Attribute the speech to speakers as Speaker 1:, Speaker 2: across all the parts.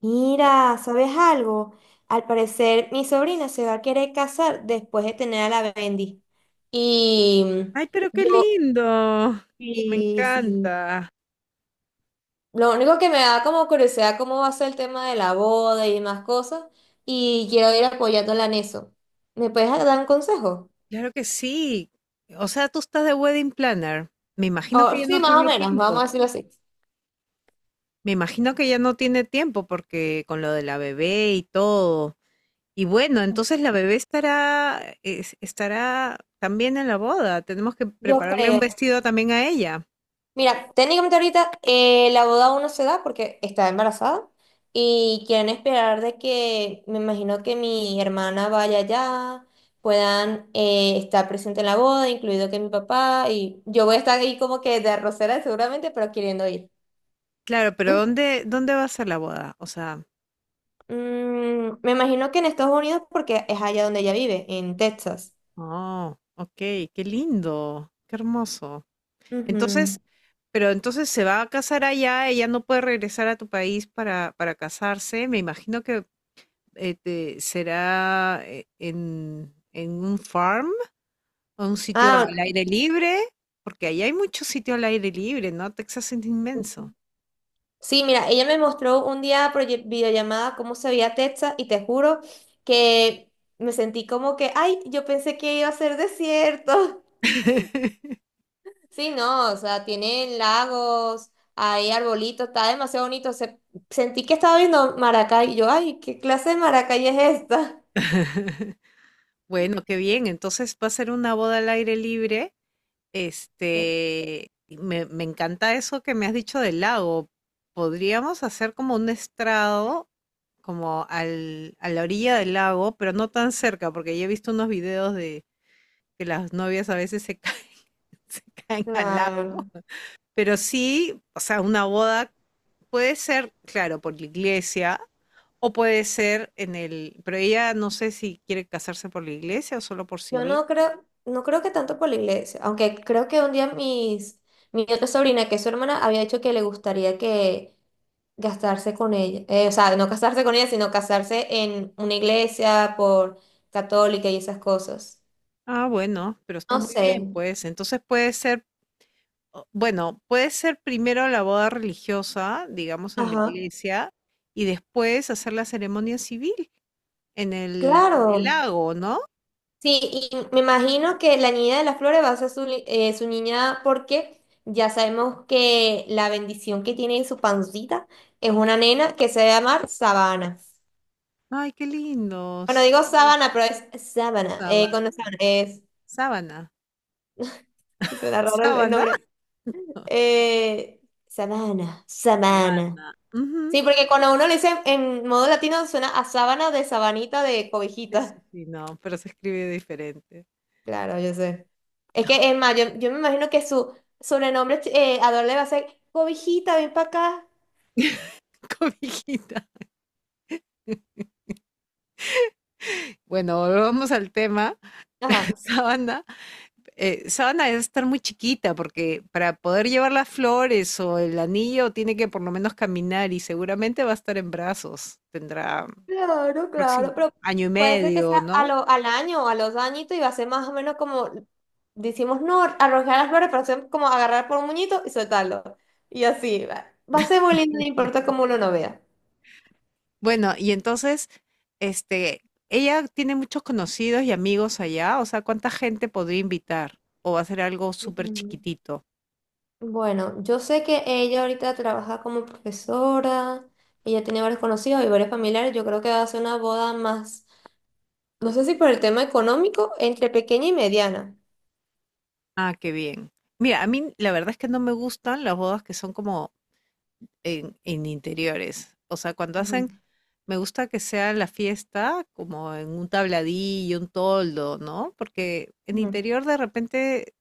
Speaker 1: Mira, ¿sabes algo? Al parecer mi sobrina se va a querer casar después de tener a la Bendy. Y
Speaker 2: Ay, pero qué
Speaker 1: yo,
Speaker 2: lindo. Me
Speaker 1: sí, sí.
Speaker 2: encanta.
Speaker 1: Lo único que me da como curiosidad cómo va a ser el tema de la boda y demás cosas. Y quiero ir apoyándola en eso. ¿Me puedes dar un consejo?
Speaker 2: Claro que sí. O sea, tú estás de wedding planner. Me imagino
Speaker 1: O
Speaker 2: que ya
Speaker 1: sí,
Speaker 2: no
Speaker 1: más o
Speaker 2: tiene
Speaker 1: menos, vamos a
Speaker 2: tiempo.
Speaker 1: decirlo así.
Speaker 2: Me imagino que ya no tiene tiempo porque con lo de la bebé y todo. Y bueno, entonces la bebé estará, estará también en la boda. Tenemos que
Speaker 1: Yo
Speaker 2: prepararle un
Speaker 1: creo.
Speaker 2: vestido también a ella.
Speaker 1: Mira, técnicamente ahorita la boda aún no se da porque está embarazada y quieren esperar de que, me imagino que mi hermana vaya allá, puedan estar presente en la boda, incluido que mi papá, y yo voy a estar ahí como que de arrocera seguramente, pero queriendo ir.
Speaker 2: Claro, pero ¿dónde va a ser la boda? O sea,
Speaker 1: Me imagino que en Estados Unidos porque es allá donde ella vive, en Texas.
Speaker 2: oh, ok, qué lindo, qué hermoso.
Speaker 1: Ujú.
Speaker 2: Entonces, pero entonces se va a casar allá, ella no puede regresar a tu país para casarse. Me imagino que será en un farm, o un sitio
Speaker 1: Ah,
Speaker 2: al aire libre, porque allá hay mucho sitio al aire libre, ¿no? Texas es inmenso.
Speaker 1: sí, mira, ella me mostró un día por videollamada cómo se veía Texas y te juro que me sentí como que, ay, yo pensé que iba a ser desierto. Sí, no, o sea, tienen lagos, hay arbolitos, está demasiado bonito. Sentí que estaba viendo Maracay y yo, ay, ¿qué clase de Maracay es esta?
Speaker 2: Bueno, qué bien. Entonces va a ser una boda al aire libre.
Speaker 1: Sí,
Speaker 2: Este, y me encanta eso que me has dicho del lago. Podríamos hacer como un estrado como a la orilla del lago, pero no tan cerca, porque yo he visto unos videos de que las novias a veces se caen, se caen al lago.
Speaker 1: claro.
Speaker 2: Pero sí, o sea, una boda puede ser, claro, por la iglesia, o puede ser en el, pero ella no sé si quiere casarse por la iglesia o solo por
Speaker 1: Yo
Speaker 2: civil.
Speaker 1: no creo, no creo que tanto por la iglesia, aunque creo que un día mi otra sobrina, que es su hermana, había dicho que le gustaría que gastarse con ella, o sea, no casarse con ella, sino casarse en una iglesia por católica y esas cosas.
Speaker 2: Ah, bueno, pero está
Speaker 1: No
Speaker 2: muy
Speaker 1: sé.
Speaker 2: bien, pues. Entonces puede ser, bueno, puede ser primero la boda religiosa, digamos, en la
Speaker 1: Ajá.
Speaker 2: iglesia, y después hacer la ceremonia civil. En el
Speaker 1: Claro.
Speaker 2: lago, ¿no?
Speaker 1: Sí, y me imagino que la niña de las flores va a ser su niña porque ya sabemos que la bendición que tiene en su pancita es una nena que se va a llamar Sabana.
Speaker 2: Ay, qué lindo,
Speaker 1: Bueno,
Speaker 2: sí,
Speaker 1: digo Sabana, pero es Sabana.
Speaker 2: saba
Speaker 1: Con Sabana es.
Speaker 2: sábana,
Speaker 1: Será raro el
Speaker 2: ¿sábana?
Speaker 1: nombre. Eh, Sabana, Sabana.
Speaker 2: Sabana, ujú.
Speaker 1: Sí, porque cuando uno le dice en modo latino suena a sábana de sabanita de
Speaker 2: Sí, sí,
Speaker 1: cobijita.
Speaker 2: sí, no, pero se escribe diferente.
Speaker 1: Claro, yo sé. Es que es más, yo me imagino que su sobrenombre Ador le va a ser cobijita, ven para acá.
Speaker 2: Cobijita. Bueno, volvamos al tema.
Speaker 1: Ajá.
Speaker 2: Sábana, sábana debe estar muy chiquita porque para poder llevar las flores o el anillo tiene que por lo menos caminar y seguramente va a estar en brazos. Tendrá
Speaker 1: Claro, claro,
Speaker 2: próximo
Speaker 1: pero
Speaker 2: año y
Speaker 1: puede ser que sea
Speaker 2: medio, ¿no?
Speaker 1: al año o a los añitos y va a ser más o menos como decimos no, arrojar las flores, pero ser como agarrar por un muñito y soltarlo. Y así va. Va a ser muy lindo, no importa cómo uno no vea.
Speaker 2: Bueno, y entonces, este, ella tiene muchos conocidos y amigos allá, o sea, ¿cuánta gente podría invitar? ¿O va a ser algo súper
Speaker 1: Ujú.
Speaker 2: chiquitito?
Speaker 1: Bueno, yo sé que ella ahorita trabaja como profesora, ella tiene varios conocidos y varios familiares, yo creo que va a hacer una boda más, no sé si por el tema económico, entre pequeña y mediana.
Speaker 2: Ah, qué bien. Mira, a mí la verdad es que no me gustan las bodas que son como en interiores. O sea, cuando
Speaker 1: Ujú,
Speaker 2: hacen, me gusta que sea la fiesta como en un tabladillo, un toldo, ¿no? Porque en
Speaker 1: ujú.
Speaker 2: interior de repente,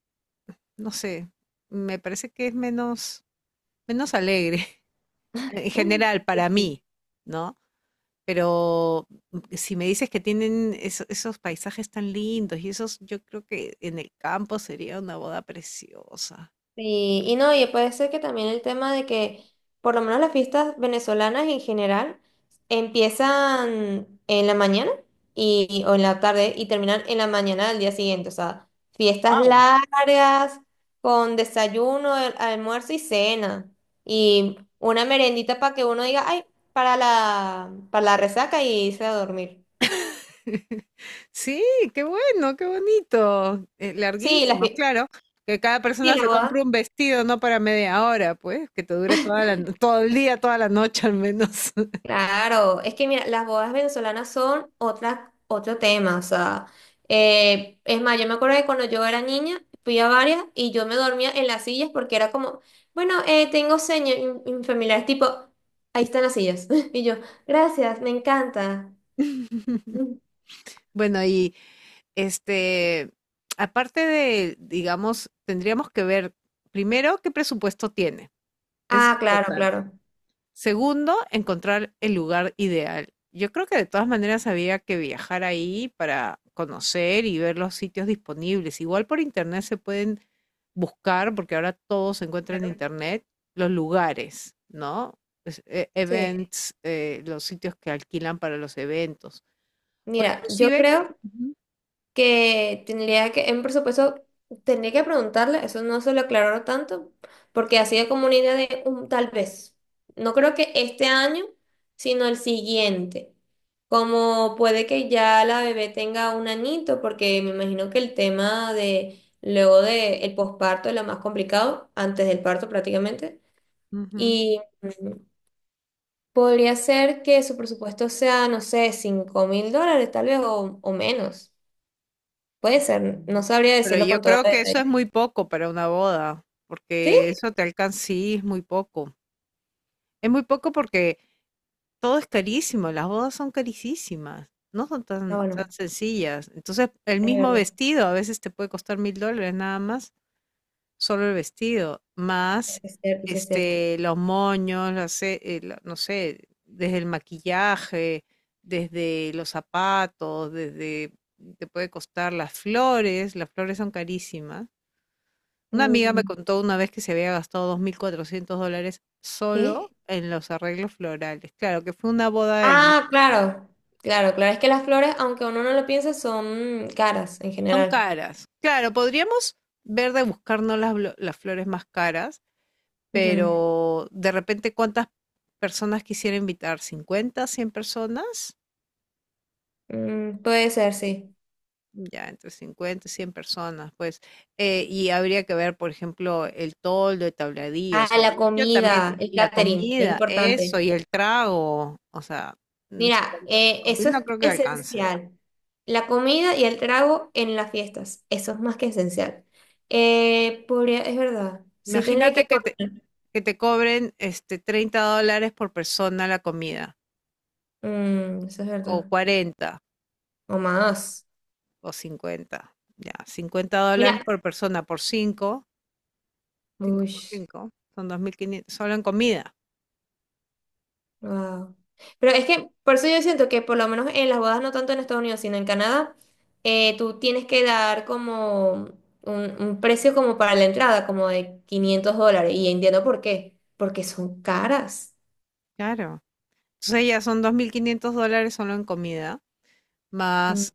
Speaker 2: no sé, me parece que es menos, alegre en general
Speaker 1: Sí,
Speaker 2: para
Speaker 1: sí.
Speaker 2: mí, ¿no? Pero si me dices que tienen esos paisajes tan lindos y esos, yo creo que en el campo sería una boda preciosa.
Speaker 1: Sí, y no, y puede ser que también el tema de que, por lo menos las fiestas venezolanas en general, empiezan en la mañana o en la tarde y terminan en la mañana del día siguiente. O sea, fiestas
Speaker 2: Wow.
Speaker 1: largas, con desayuno, almuerzo y cena. Y una merendita para que uno diga, ay, para la resaca y irse a dormir.
Speaker 2: Sí, qué bueno, qué bonito.
Speaker 1: Sí,
Speaker 2: Larguísimos, claro. Que cada
Speaker 1: sí,
Speaker 2: persona
Speaker 1: la
Speaker 2: se compre
Speaker 1: boda.
Speaker 2: un vestido, no para media hora, pues, que te dure toda la, no- todo el día, toda la noche al menos.
Speaker 1: Claro, es que mira, las bodas venezolanas son otro tema, o sea, es más, yo me acuerdo que cuando yo era niña fui a varias y yo me dormía en las sillas porque era como, bueno, tengo sueño, y mi familia es tipo, ahí están las sillas, y yo, gracias, me encanta. Mm.
Speaker 2: Bueno, y este, aparte de, digamos, tendríamos que ver primero qué presupuesto tiene. Es
Speaker 1: Ah, claro,
Speaker 2: importante.
Speaker 1: claro.
Speaker 2: Segundo, encontrar el lugar ideal. Yo creo que de todas maneras había que viajar ahí para conocer y ver los sitios disponibles. Igual por internet se pueden buscar, porque ahora todo se encuentra en
Speaker 1: Claro.
Speaker 2: internet, los lugares, ¿no?
Speaker 1: Sí,
Speaker 2: Events, los sitios que alquilan para los eventos. O
Speaker 1: mira, yo
Speaker 2: inclusive,
Speaker 1: creo
Speaker 2: ujú,
Speaker 1: que tendría que, en presupuesto, tendría que preguntarle, eso no se lo aclaró tanto, porque ha sido como una idea de un tal vez. No creo que este año, sino el siguiente. Como puede que ya la bebé tenga un anito, porque me imagino que el tema de luego de el posparto es lo más complicado, antes del parto prácticamente.
Speaker 2: ujú.
Speaker 1: Y podría ser que su presupuesto sea, no sé, $5,000 tal vez o menos. Puede ser, no sabría
Speaker 2: Pero
Speaker 1: decirlo
Speaker 2: yo
Speaker 1: con todo el
Speaker 2: creo que eso es
Speaker 1: detalle.
Speaker 2: muy poco para una boda,
Speaker 1: ¿Sí?
Speaker 2: porque eso te alcanza, sí, es muy poco. Es muy poco porque todo es carísimo, las bodas son carísimas, no son
Speaker 1: Ah,
Speaker 2: tan tan
Speaker 1: bueno,
Speaker 2: sencillas. Entonces, el
Speaker 1: es
Speaker 2: mismo
Speaker 1: verdad.
Speaker 2: vestido a veces te puede costar $1.000 nada más, solo el vestido,
Speaker 1: Eso
Speaker 2: más,
Speaker 1: es cierto, eso es cierto.
Speaker 2: este, los moños, la no sé, desde el maquillaje, desde los zapatos, desde te puede costar las flores son carísimas. Una amiga me
Speaker 1: Mm,
Speaker 2: contó una vez que se había gastado $2.400
Speaker 1: ¿qué?
Speaker 2: solo en los arreglos florales. Claro, que fue una boda en.
Speaker 1: Ah, claro, claro, claro. Es que las flores, aunque uno no lo piense, son caras en
Speaker 2: Son
Speaker 1: general.
Speaker 2: caras. Claro, podríamos ver de buscarnos las flores más caras,
Speaker 1: Ujú.
Speaker 2: pero de repente, ¿cuántas personas quisiera invitar? ¿50 100 personas?
Speaker 1: Puede ser, sí.
Speaker 2: Ya, entre 50 y 100 personas, pues. Y habría que ver, por ejemplo, el toldo, el tabladillo, o
Speaker 1: Ah,
Speaker 2: sea, el
Speaker 1: la
Speaker 2: sitio también,
Speaker 1: comida, el
Speaker 2: y la
Speaker 1: catering, es
Speaker 2: comida, eso,
Speaker 1: importante.
Speaker 2: y el trago. O sea, 5
Speaker 1: Mira, eso
Speaker 2: mil no
Speaker 1: es
Speaker 2: creo que alcance.
Speaker 1: esencial. La comida y el trago en las fiestas, eso es más que esencial. Es verdad, sí tendría
Speaker 2: Imagínate
Speaker 1: que
Speaker 2: que te,
Speaker 1: coordinar.
Speaker 2: que te cobren este, $30 por persona la comida.
Speaker 1: Eso es
Speaker 2: O
Speaker 1: verdad.
Speaker 2: 40
Speaker 1: O más.
Speaker 2: o 50. Ya, $50
Speaker 1: Mira,
Speaker 2: por persona por cinco, 5 por
Speaker 1: uy,
Speaker 2: cinco. Son 2.500 solo en comida.
Speaker 1: wow. Pero es que, por eso yo siento que por lo menos en las bodas, no tanto en Estados Unidos, sino en Canadá, tú tienes que dar como un precio como para la entrada, como de $500. Y entiendo por qué, porque son caras.
Speaker 2: Claro. Entonces ya son $2.500 solo en comida.
Speaker 1: Mm,
Speaker 2: Más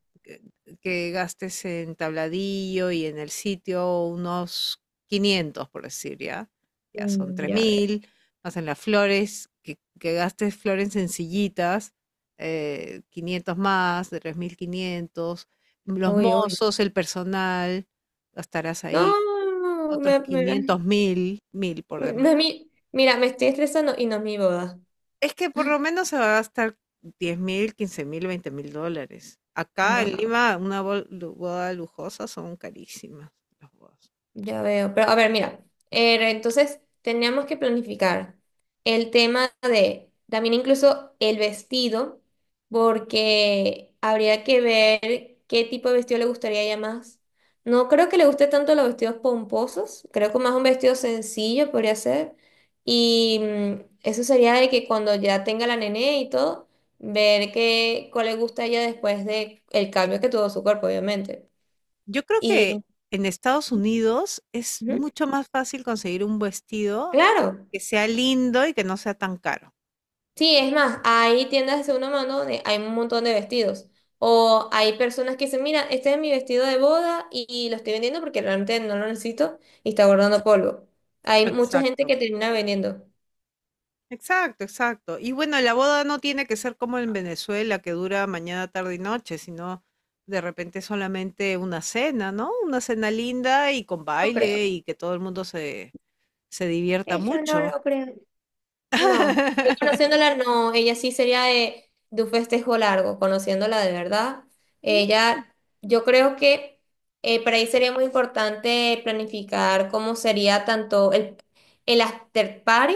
Speaker 2: que gastes en tabladillo y en el sitio unos 500 por decir, ya, son
Speaker 1: mm, ya, ya.
Speaker 2: 3.000, más en las flores, que gastes flores sencillitas, 500 más, de 3.500, los
Speaker 1: Uy, uy.
Speaker 2: mozos, el personal, gastarás ahí
Speaker 1: No,
Speaker 2: otros 500 mil, mil por,
Speaker 1: mira, me estoy estresando y no es mi boda.
Speaker 2: es que por lo menos se va a gastar 10.000, 15.000, $20.000. Acá en
Speaker 1: Wow.
Speaker 2: Lima, una boda lujosa son carísimas las bodas.
Speaker 1: Ya veo, pero a ver, mira, entonces teníamos que planificar el tema de también incluso el vestido, porque habría que ver qué tipo de vestido le gustaría a ella más. No creo que le guste tanto los vestidos pomposos, creo que más un vestido sencillo podría ser. Y eso sería de que cuando ya tenga la nené y todo, ver cuál le gusta a ella después de el cambio que tuvo su cuerpo, obviamente.
Speaker 2: Yo creo que
Speaker 1: Y
Speaker 2: en Estados Unidos es
Speaker 1: ujú,
Speaker 2: mucho más fácil conseguir un vestido
Speaker 1: claro.
Speaker 2: que sea lindo y que no sea tan caro.
Speaker 1: Sí, es más, hay tiendas de segunda mano donde hay un montón de vestidos. O hay personas que dicen, mira, este es mi vestido de boda y lo estoy vendiendo porque realmente no lo necesito y está guardando polvo. Hay mucha
Speaker 2: Exacto.
Speaker 1: gente que termina vendiendo.
Speaker 2: Exacto, exacto. Y bueno, la boda no tiene que ser como en Venezuela, que dura mañana, tarde y noche, sino de repente solamente una cena, ¿no? Una cena linda y con
Speaker 1: No
Speaker 2: baile
Speaker 1: creo.
Speaker 2: y que todo el mundo se divierta
Speaker 1: Eso no
Speaker 2: mucho.
Speaker 1: lo creo. No. Yo conociéndola, no. Ella sí sería de un festejo largo, conociéndola de verdad. Ella, yo creo que para ahí sería muy importante planificar cómo sería tanto el after party.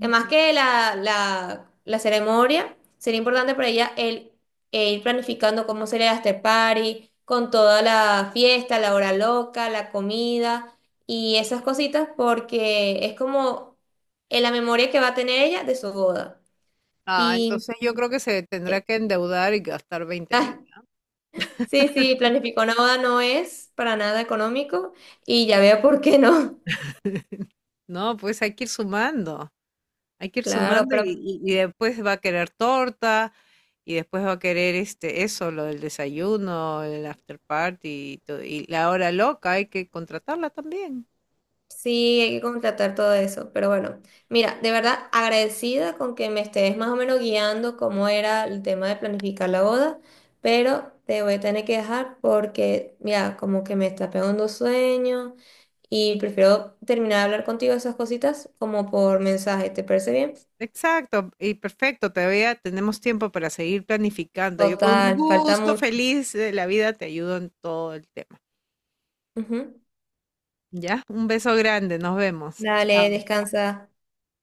Speaker 1: Además que la ceremonia sería importante para ella e ir planificando cómo sería el after party, con toda la fiesta, la hora loca, la comida y esas cositas, porque es como en la memoria que va a tener ella de su boda.
Speaker 2: Ah,
Speaker 1: Y,
Speaker 2: entonces yo creo que se tendrá que endeudar y gastar veinte
Speaker 1: ah,
Speaker 2: mil.
Speaker 1: sí, sí, planificó una boda no es para nada económico y ya veo por qué no.
Speaker 2: No, pues hay que ir sumando,
Speaker 1: Claro, pero
Speaker 2: y después va a querer torta y después va a querer eso, lo del desayuno, el after party y, todo, y la hora loca, hay que contratarla también.
Speaker 1: sí, hay que contratar todo eso, pero bueno, mira, de verdad agradecida con que me estés más o menos guiando cómo era el tema de planificar la boda, pero te voy a tener que dejar porque, mira, como que me está pegando sueño y prefiero terminar de hablar contigo de esas cositas como por mensaje, ¿te parece bien?
Speaker 2: Exacto, y perfecto, todavía tenemos tiempo para seguir planificando. Yo con
Speaker 1: Total, falta
Speaker 2: gusto,
Speaker 1: mucho.
Speaker 2: feliz de la vida, te ayudo en todo el tema.
Speaker 1: Ujú.
Speaker 2: ¿Ya? Un beso grande, nos vemos.
Speaker 1: Dale,
Speaker 2: Chao.
Speaker 1: descansa.